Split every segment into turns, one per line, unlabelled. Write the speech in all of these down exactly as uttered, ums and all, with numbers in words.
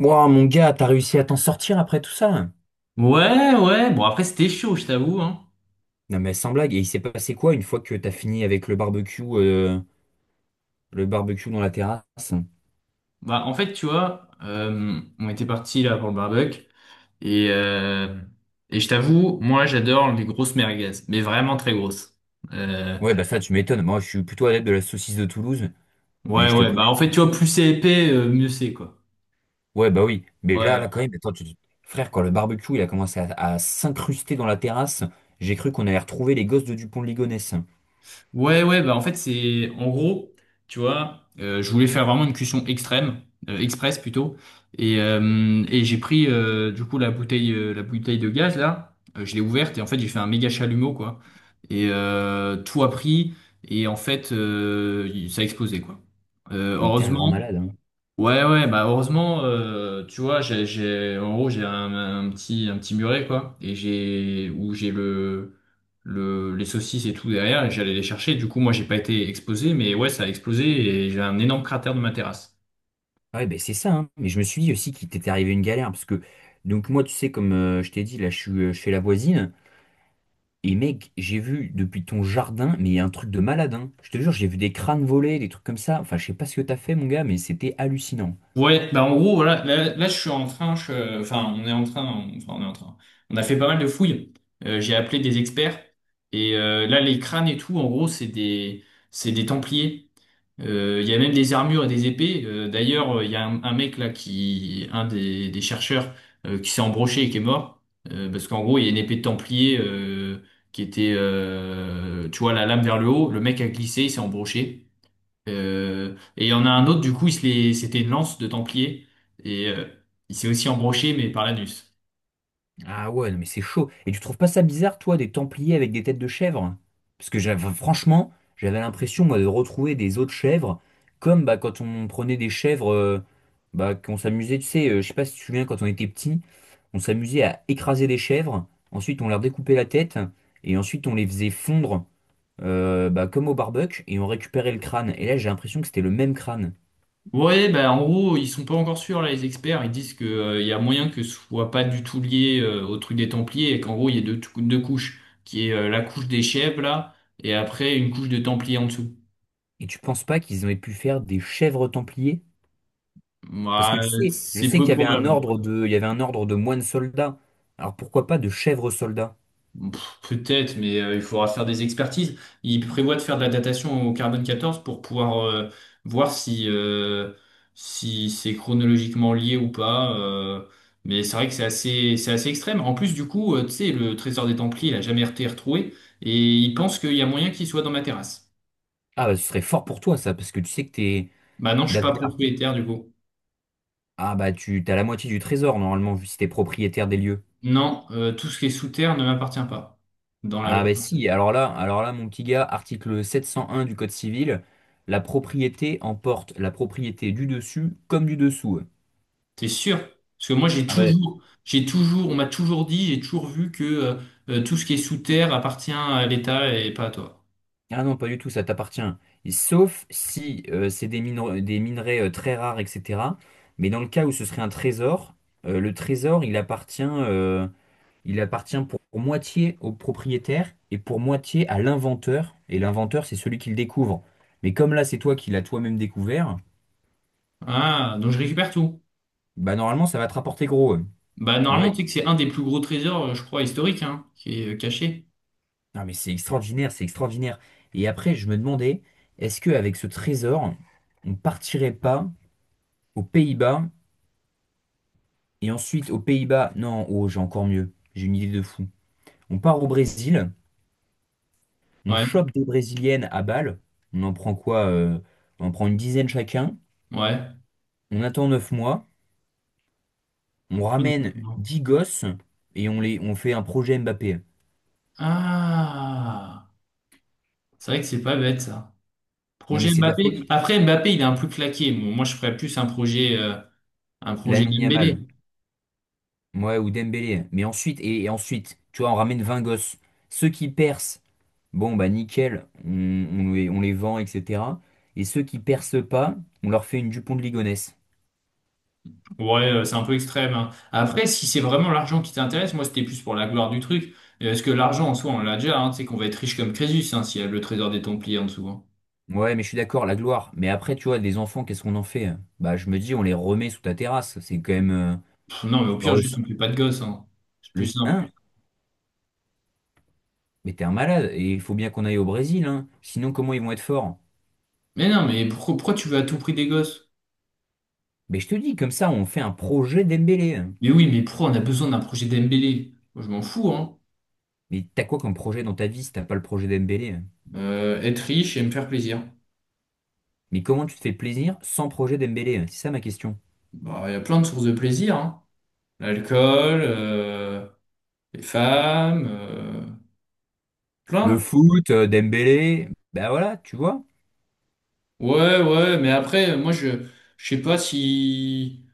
Wow, mon gars, t'as réussi à t'en sortir après tout ça?
Ouais, ouais. Bon, après, c'était chaud, je t'avoue, hein.
Non mais sans blague, et il s'est passé quoi une fois que t'as fini avec le barbecue, euh, le barbecue dans la terrasse?
Bah, en fait, tu vois, euh, on était parti là pour le barbecue. Et, euh, et je t'avoue, moi, j'adore les grosses merguez. Mais vraiment très grosses. Euh,
Ouais, bah ça, tu m'étonnes. Moi, je suis plutôt adepte de la saucisse de Toulouse, mais
ouais,
je te
ouais.
connais.
Bah, en fait, tu vois, plus c'est épais, euh, mieux c'est, quoi.
Ouais, bah oui. Mais là,
Ouais.
là, quand même, attends, tu. Frère, quand le barbecue, il a commencé à, à s'incruster dans la terrasse, j'ai cru qu'on allait retrouver les gosses de Dupont de Ligonnès.
Ouais, ouais, bah en fait, c'est en gros, tu vois, euh, je voulais faire vraiment une cuisson extrême, euh, express plutôt, et, euh, et j'ai pris euh, du coup la bouteille, euh, la bouteille de gaz là. Euh, je l'ai ouverte et en fait, j'ai fait un méga chalumeau quoi, et euh, tout a pris, et en fait, euh, ça a explosé quoi. Euh,
Mais t'es un grand
heureusement,
malade, hein.
ouais, ouais, bah heureusement, euh, tu vois, j'ai, j'ai, en gros, j'ai un, un petit, un petit muret, quoi, et j'ai, où j'ai le, le, les saucisses et tout derrière, et j'allais les chercher. Du coup, moi, j'ai pas été explosé, mais ouais, ça a explosé et j'ai un énorme cratère de ma terrasse.
Ouais, ben c'est ça, hein. Mais je me suis dit aussi qu'il t'était arrivé une galère, parce que, donc moi, tu sais, comme euh, je t'ai dit, là, je suis, euh, je la voisine. Et mec, j'ai vu depuis ton jardin, mais il y a un truc de malade, hein. Je te jure, j'ai vu des crânes voler, des trucs comme ça. Enfin, je sais pas ce que t'as fait, mon gars, mais c'était hallucinant.
Ouais, bah en gros, voilà, là, là, je suis en train, je, euh, enfin, on est en train, on- enfin, on est en train. On a fait pas mal de fouilles. Euh, j'ai appelé des experts, et euh, là, les crânes et tout, en gros, c'est des, c'est des templiers. Euh, Il y a même des armures et des épées. Euh, d'ailleurs, euh, il y a un, un mec là qui, un des, des chercheurs, euh, qui s'est embroché et qui est mort. Euh, parce qu'en gros, il y a une épée de Templier euh, qui était, euh, tu vois, la lame vers le haut. Le mec a glissé, il s'est embroché. Euh, et il y en a un autre, du coup, il se l'est- c'était une lance de Templier. Et euh, il s'est aussi embroché, mais par l'anus.
Ah ouais, non, mais c'est chaud. Et tu trouves pas ça bizarre, toi, des templiers avec des têtes de chèvres? Parce que j'avais, franchement, j'avais l'impression, moi, de retrouver des autres chèvres, comme bah, quand on prenait des chèvres, euh, bah, qu'on s'amusait, tu sais, euh, je sais pas si tu te souviens, quand on était petit, on s'amusait à écraser des chèvres, ensuite on leur découpait la tête, et ensuite on les faisait fondre euh, bah, comme au barbecue, et ont récupéré le crâne. Et là, j'ai l'impression que c'était le même crâne.
Ouais, bah, en gros, ils sont pas encore sûrs, là, les experts. Ils disent que, euh, y a moyen que ce soit pas du tout lié, euh, au truc des Templiers et qu'en gros, il y a deux, tou- deux couches, qui est, euh, la couche des chèvres, là, et après, une couche de Templiers en dessous.
Et tu penses pas qu'ils auraient pu faire des chèvres templiers? Parce que tu
Ouais,
sais, je
c'est
sais
peu
qu'il y avait un
probable, hein.
ordre de, il y avait un ordre de moines soldats. Alors pourquoi pas de chèvres soldats?
Pff, Peut-être, mais euh, il faudra faire des expertises. Il prévoit de faire de la datation au carbone quatorze pour pouvoir euh, voir si, euh, si c'est chronologiquement lié ou pas. euh, mais c'est vrai que c'est assez, c'est assez extrême. En plus, du coup, euh, tu sais, le trésor des Templiers, il a jamais été retrouvé et il pense qu'il y a moyen qu'il soit dans ma terrasse.
Ah bah ce serait fort pour toi ça, parce que tu sais que t'es
Bah non, je suis pas
d'après l'article.
propriétaire du coup.
Ah bah tu t'as la moitié du trésor normalement, vu si t'es propriétaire des lieux.
Non, euh, tout ce qui est sous terre ne m'appartient pas dans la
Ah
loi.
bah si, alors là, alors là, mon petit gars, article sept cent un du Code civil, la propriété emporte la propriété du dessus comme du dessous.
T'es sûr? Parce que moi, j'ai
Ah bah.
toujours, j'ai toujours, on m'a toujours dit, j'ai toujours vu que euh, euh, tout ce qui est sous terre appartient à l'État et pas à toi.
Ah non, pas du tout, ça t'appartient. Et sauf si euh, c'est des minerais, des minerais euh, très rares, et cetera. Mais dans le cas où ce serait un trésor, euh, le trésor, il appartient, euh, il appartient pour, pour moitié au propriétaire et pour moitié à l'inventeur. Et l'inventeur, c'est celui qui le découvre. Mais comme là, c'est toi qui l'as toi-même découvert,
Ah, donc je récupère tout.
bah normalement, ça va te rapporter gros. euh.
Bah, normalement, tu
Ouais.
sais que c'est un des plus gros trésors, euh, je crois, historiques, hein, qui est euh, caché.
Non, mais c'est extraordinaire, c'est extraordinaire. Et après, je me demandais, est-ce qu'avec ce trésor, on partirait pas aux Pays-Bas? Et ensuite, aux Pays-Bas, non, oh, j'ai encore mieux. J'ai une idée de fou. On part au Brésil, on
Ouais,
chope des Brésiliennes à Bâle. On en prend quoi? Euh, on en prend une dizaine chacun.
ouais.
On attend neuf mois. On ramène dix gosses et on les, on fait un projet Mbappé.
Ah, c'est vrai que c'est pas bête, ça.
Non, mais
Projet
c'est de la folie.
Mbappé. Après, Mbappé, il est un peu claqué. Bon, moi, je ferais plus un projet, euh, un projet
Lamine Yamal.
Dembélé.
Ouais, ou Dembélé. Mais ensuite, et, et ensuite, tu vois, on ramène vingt gosses. Ceux qui percent, bon, bah nickel, on, on les, on les, vend, et cetera. Et ceux qui percent pas, on leur fait une Dupont de Ligonnès.
Ouais, euh, c'est un peu extrême, hein. Après, si c'est vraiment l'argent qui t'intéresse, moi c'était plus pour la gloire du truc. Euh, Parce que l'argent en soi, on l'a déjà, hein, tu sais qu'on va être riche comme Crésus, hein, s'il y a le trésor des Templiers en dessous, hein.
Ouais, mais je suis d'accord, la gloire. Mais après, tu vois, des enfants, qu'est-ce qu'on en fait? Hein? Bah, je me dis, on les remet sous ta terrasse. C'est quand même. euh,
Pff, non, mais au
Genre
pire,
le.
juste on fait pas de gosses, hein. C'est
le
plus simple.
hein? Mais t'es un malade. Et il faut bien qu'on aille au Brésil, hein. Sinon, comment ils vont être forts?
Mais non, mais pourquoi, pourquoi tu veux à tout prix des gosses?
Mais je te dis, comme ça, on fait un projet Dembélé, hein.
Mais oui, mais pourquoi on a besoin d'un projet Dembélé? Moi, je m'en fous, hein.
Mais t'as quoi comme projet dans ta vie si t'as pas le projet Dembélé? Hein?
Euh, être riche et me faire plaisir.
Mais comment tu te fais plaisir sans projet Dembélé? Hein? C'est ça ma question.
Bah, il y a plein de sources de plaisir, hein. L'alcool, euh, les femmes, euh,
Le
plein.
foot, euh, Dembélé, bah voilà, tu vois.
Ouais, ouais, mais après, moi, je, je sais pas si,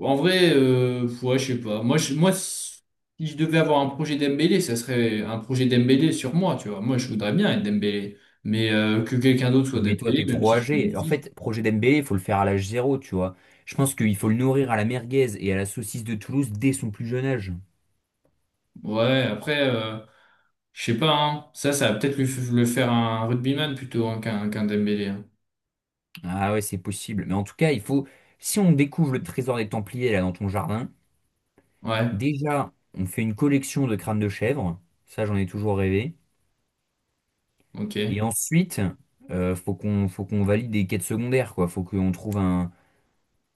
en vrai, euh, ouais, je sais pas. Moi, je, moi, si si je devais avoir un projet Dembélé, ça serait un projet Dembélé sur moi, tu vois. Moi, je voudrais bien être Dembélé, mais euh, que quelqu'un d'autre soit
Oui, mais toi,
Dembélé,
t'es
même
trop
si c'est mon
âgé. En
fils.
fait, projet Dembélé, il faut le faire à l'âge zéro, tu vois. Je pense qu'il faut le nourrir à la merguez et à la saucisse de Toulouse dès son plus jeune âge.
Ouais, après, euh, je sais pas, hein. Ça, ça va peut-être lui f- le faire un rugbyman plutôt, hein, qu'un qu'un Dembélé, hein.
Ah ouais, c'est possible. Mais en tout cas, il faut, si on découvre le trésor des Templiers là dans ton jardin,
Ouais,
déjà, on fait une collection de crânes de chèvre. Ça, j'en ai toujours rêvé.
ok.
Et ensuite, euh, faut qu'on, faut qu'on valide des quêtes secondaires, quoi. Faut qu'on trouve un,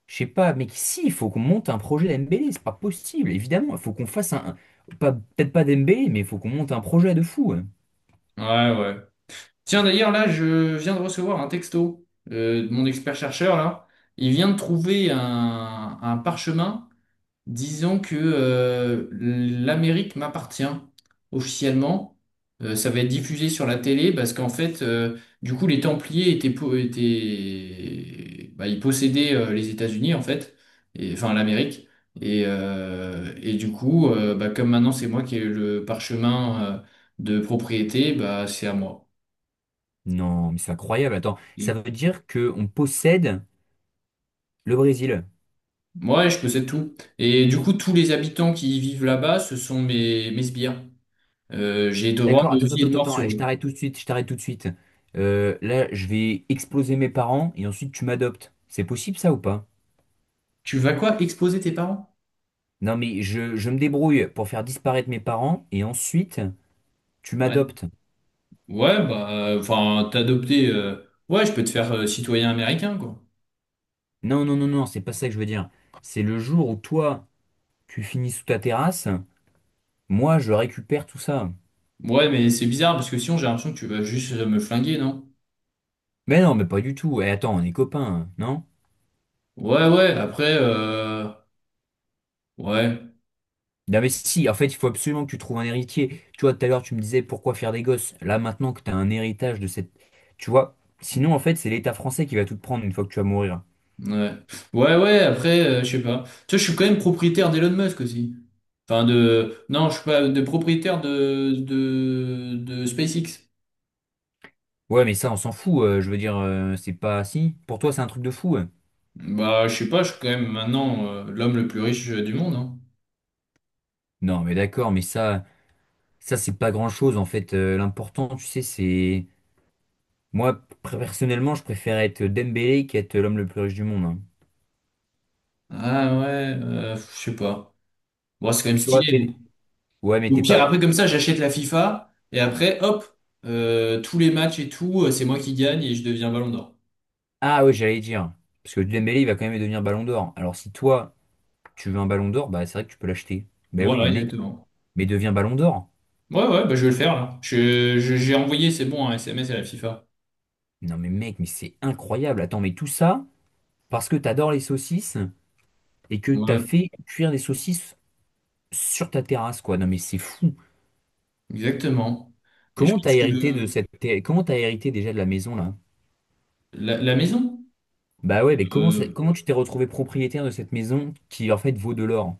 je sais pas, mais si, il faut qu'on monte un projet Dembélé. C'est pas possible, évidemment. Il faut qu'on fasse un, un- pas- peut-être pas Dembélé, mais il faut qu'on monte un projet de fou, hein.
Ouais, ouais. Tiens, d'ailleurs, là, je viens de recevoir un texto euh, de mon expert-chercheur, là. Il vient de trouver un, un parchemin disant que euh, l'Amérique m'appartient officiellement. Euh, ça va être diffusé sur la télé parce qu'en fait, euh, du coup, les Templiers étaient, po- étaient- bah, ils possédaient euh, les États-Unis, en fait, et, enfin l'Amérique. Et, euh, et du coup, euh, bah, comme maintenant, c'est moi qui ai le parchemin euh, de propriété, bah, c'est à moi.
Non, mais c'est incroyable. Attends, ça veut dire que on possède le Brésil.
Ouais, je possède tout. Et du coup, tous les habitants qui y vivent là-bas, ce sont mes, mes sbires. Euh, j'ai droit
D'accord,
de
attends,
vie et
attends,
de
attends,
mort
attends.
sur
Eh, je
eux.
t'arrête tout de suite, je t'arrête tout de suite. Euh, là, je vais exploser mes parents et ensuite tu m'adoptes. C'est possible ça ou pas?
Tu vas quoi? Exposer tes parents?
Non, mais je, je me débrouille pour faire disparaître mes parents et ensuite tu
Ouais.
m'adoptes.
Ouais, bah, enfin, t'adopter. euh, Ouais, je peux te faire euh, citoyen américain, quoi.
Non, non, non, non, c'est pas ça que je veux dire. C'est le jour où toi, tu finis sous ta terrasse, moi, je récupère tout ça.
Ouais, mais c'est bizarre parce que sinon, j'ai l'impression que tu vas juste euh, me flinguer, non?
Mais non, mais pas du tout. Et attends, on est copains, hein, non?
Ouais, ouais, après, euh... ouais,
Non mais si, en fait, il faut absolument que tu trouves un héritier. Tu vois, tout à l'heure, tu me disais pourquoi faire des gosses. Là, maintenant que tu as un héritage de cette. Tu vois, sinon, en fait, c'est l'État français qui va tout te prendre une fois que tu vas mourir.
ouais. Ouais, ouais, après, euh, je sais pas. Tu vois, je suis quand même propriétaire d'Elon Musk aussi. Enfin, de. Non, je suis pas de propriétaire de, de, de SpaceX.
Ouais, mais ça, on s'en fout. euh, Je veux dire, euh, c'est pas. Si, pour toi, c'est un truc de fou. ouais.
Bah, je sais pas, je suis quand même maintenant euh, l'homme le plus riche euh, du monde, hein.
Non, mais d'accord, mais ça, ça, c'est pas grand-chose, en fait. Euh, l'important, tu sais, c'est. Moi, pr- personnellement, je préfère être Dembélé qu'être l'homme le plus riche du monde, hein.
Ah ouais, euh, je sais pas. Bon, c'est quand même
Tu vois,
stylé. non
t'es. Ouais, mais
Au
t'es
pire,
pas.
après, comme ça, j'achète la FIFA et après, hop, euh, tous les matchs et tout, euh, c'est moi qui gagne et je deviens Ballon d'Or.
Ah ouais, j'allais dire. Parce que Dembélé, il va quand même devenir Ballon d'Or. Alors si toi. Tu veux un ballon d'or? Bah, c'est vrai que tu peux l'acheter. Bah oui,
Voilà,
mais mec,
exactement.
mais deviens ballon d'or.
Ouais, ouais, bah, je vais le faire là. Je, je- j'ai envoyé, c'est bon, un S M S à la FIFA.
Non, mais mec, mais c'est incroyable. Attends, mais tout ça parce que t'adores les saucisses et que t'as
Ouais,
fait cuire des saucisses sur ta terrasse, quoi. Non, mais c'est fou.
exactement. Et je
Comment t'as
pense que
hérité de cette terre- comment t'as hérité déjà de la maison, là?
la, la maison.
Bah ouais, mais comment, ça-
euh,
comment tu t'es retrouvé propriétaire de cette maison qui, en fait, vaut de l'or?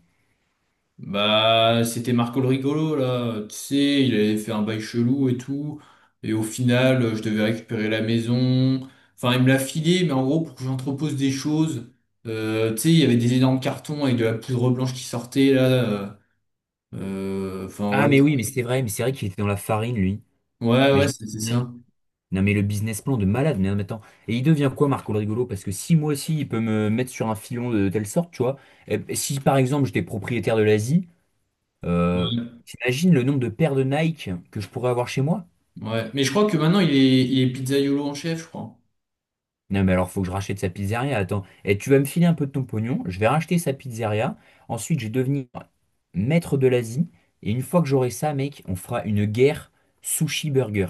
Bah, c'était Marco le rigolo, là. Tu sais, il avait fait un bail chelou et tout. Et au final, euh, je devais récupérer la maison. Enfin, il me l'a filé, mais en gros, pour que j'entrepose des choses. Euh, tu sais, il y avait des énormes cartons avec de la poudre blanche qui sortait, là. euh, euh, Enfin,
Ah,
voilà.
mais oui, mais c'est vrai, mais c'est vrai qu'il était dans la farine, lui.
Ouais,
Mais
ouais,
je me
c'est c'est ça.
souviens. Non mais le business plan de malade, mais non mais attends. Et il devient quoi Marco le rigolo? Parce que si moi aussi il peut me mettre sur un filon de telle sorte, tu vois, et si par exemple j'étais propriétaire de l'Asie, euh,
Ouais.
t'imagines le nombre de paires de Nike que je pourrais avoir chez moi?
Ouais. Mais je crois que maintenant, il est, il est pizzaïolo en chef, je crois.
Non mais alors faut que je rachète sa pizzeria, attends. Et tu vas me filer un peu de ton pognon, je vais racheter sa pizzeria, ensuite je vais devenir maître de l'Asie, et une fois que j'aurai ça, mec, on fera une guerre sushi burger.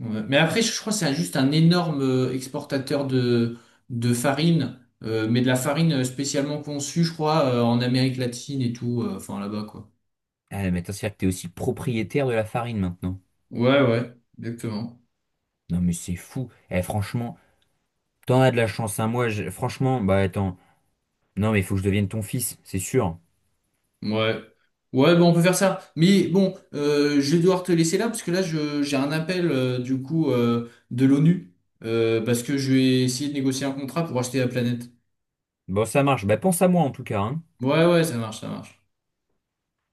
Ouais. Mais après, je crois que c'est juste un énorme euh, exportateur de, de, farine, euh, mais de la farine spécialement conçue, je crois, euh, en Amérique latine et tout, euh, enfin là-bas, quoi.
Ah mais attends, c'est-à-dire que t'es aussi propriétaire de la farine maintenant.
Ouais, ouais, exactement.
Non mais c'est fou. Eh, franchement, t'en as de la chance, hein. Moi, j'ai- franchement, bah attends. Non, mais il faut que je devienne ton fils, c'est sûr.
Ouais. Ouais, bon, on peut faire ça. Mais bon, euh, je vais devoir te laisser là, parce que là, je, j'ai un appel, euh, du coup, euh, de l'ONU, euh, parce que je vais essayer de négocier un contrat pour acheter la planète.
Bon, ça marche. Bah pense à moi en tout cas, hein.
Ouais, ouais, ça marche, ça marche.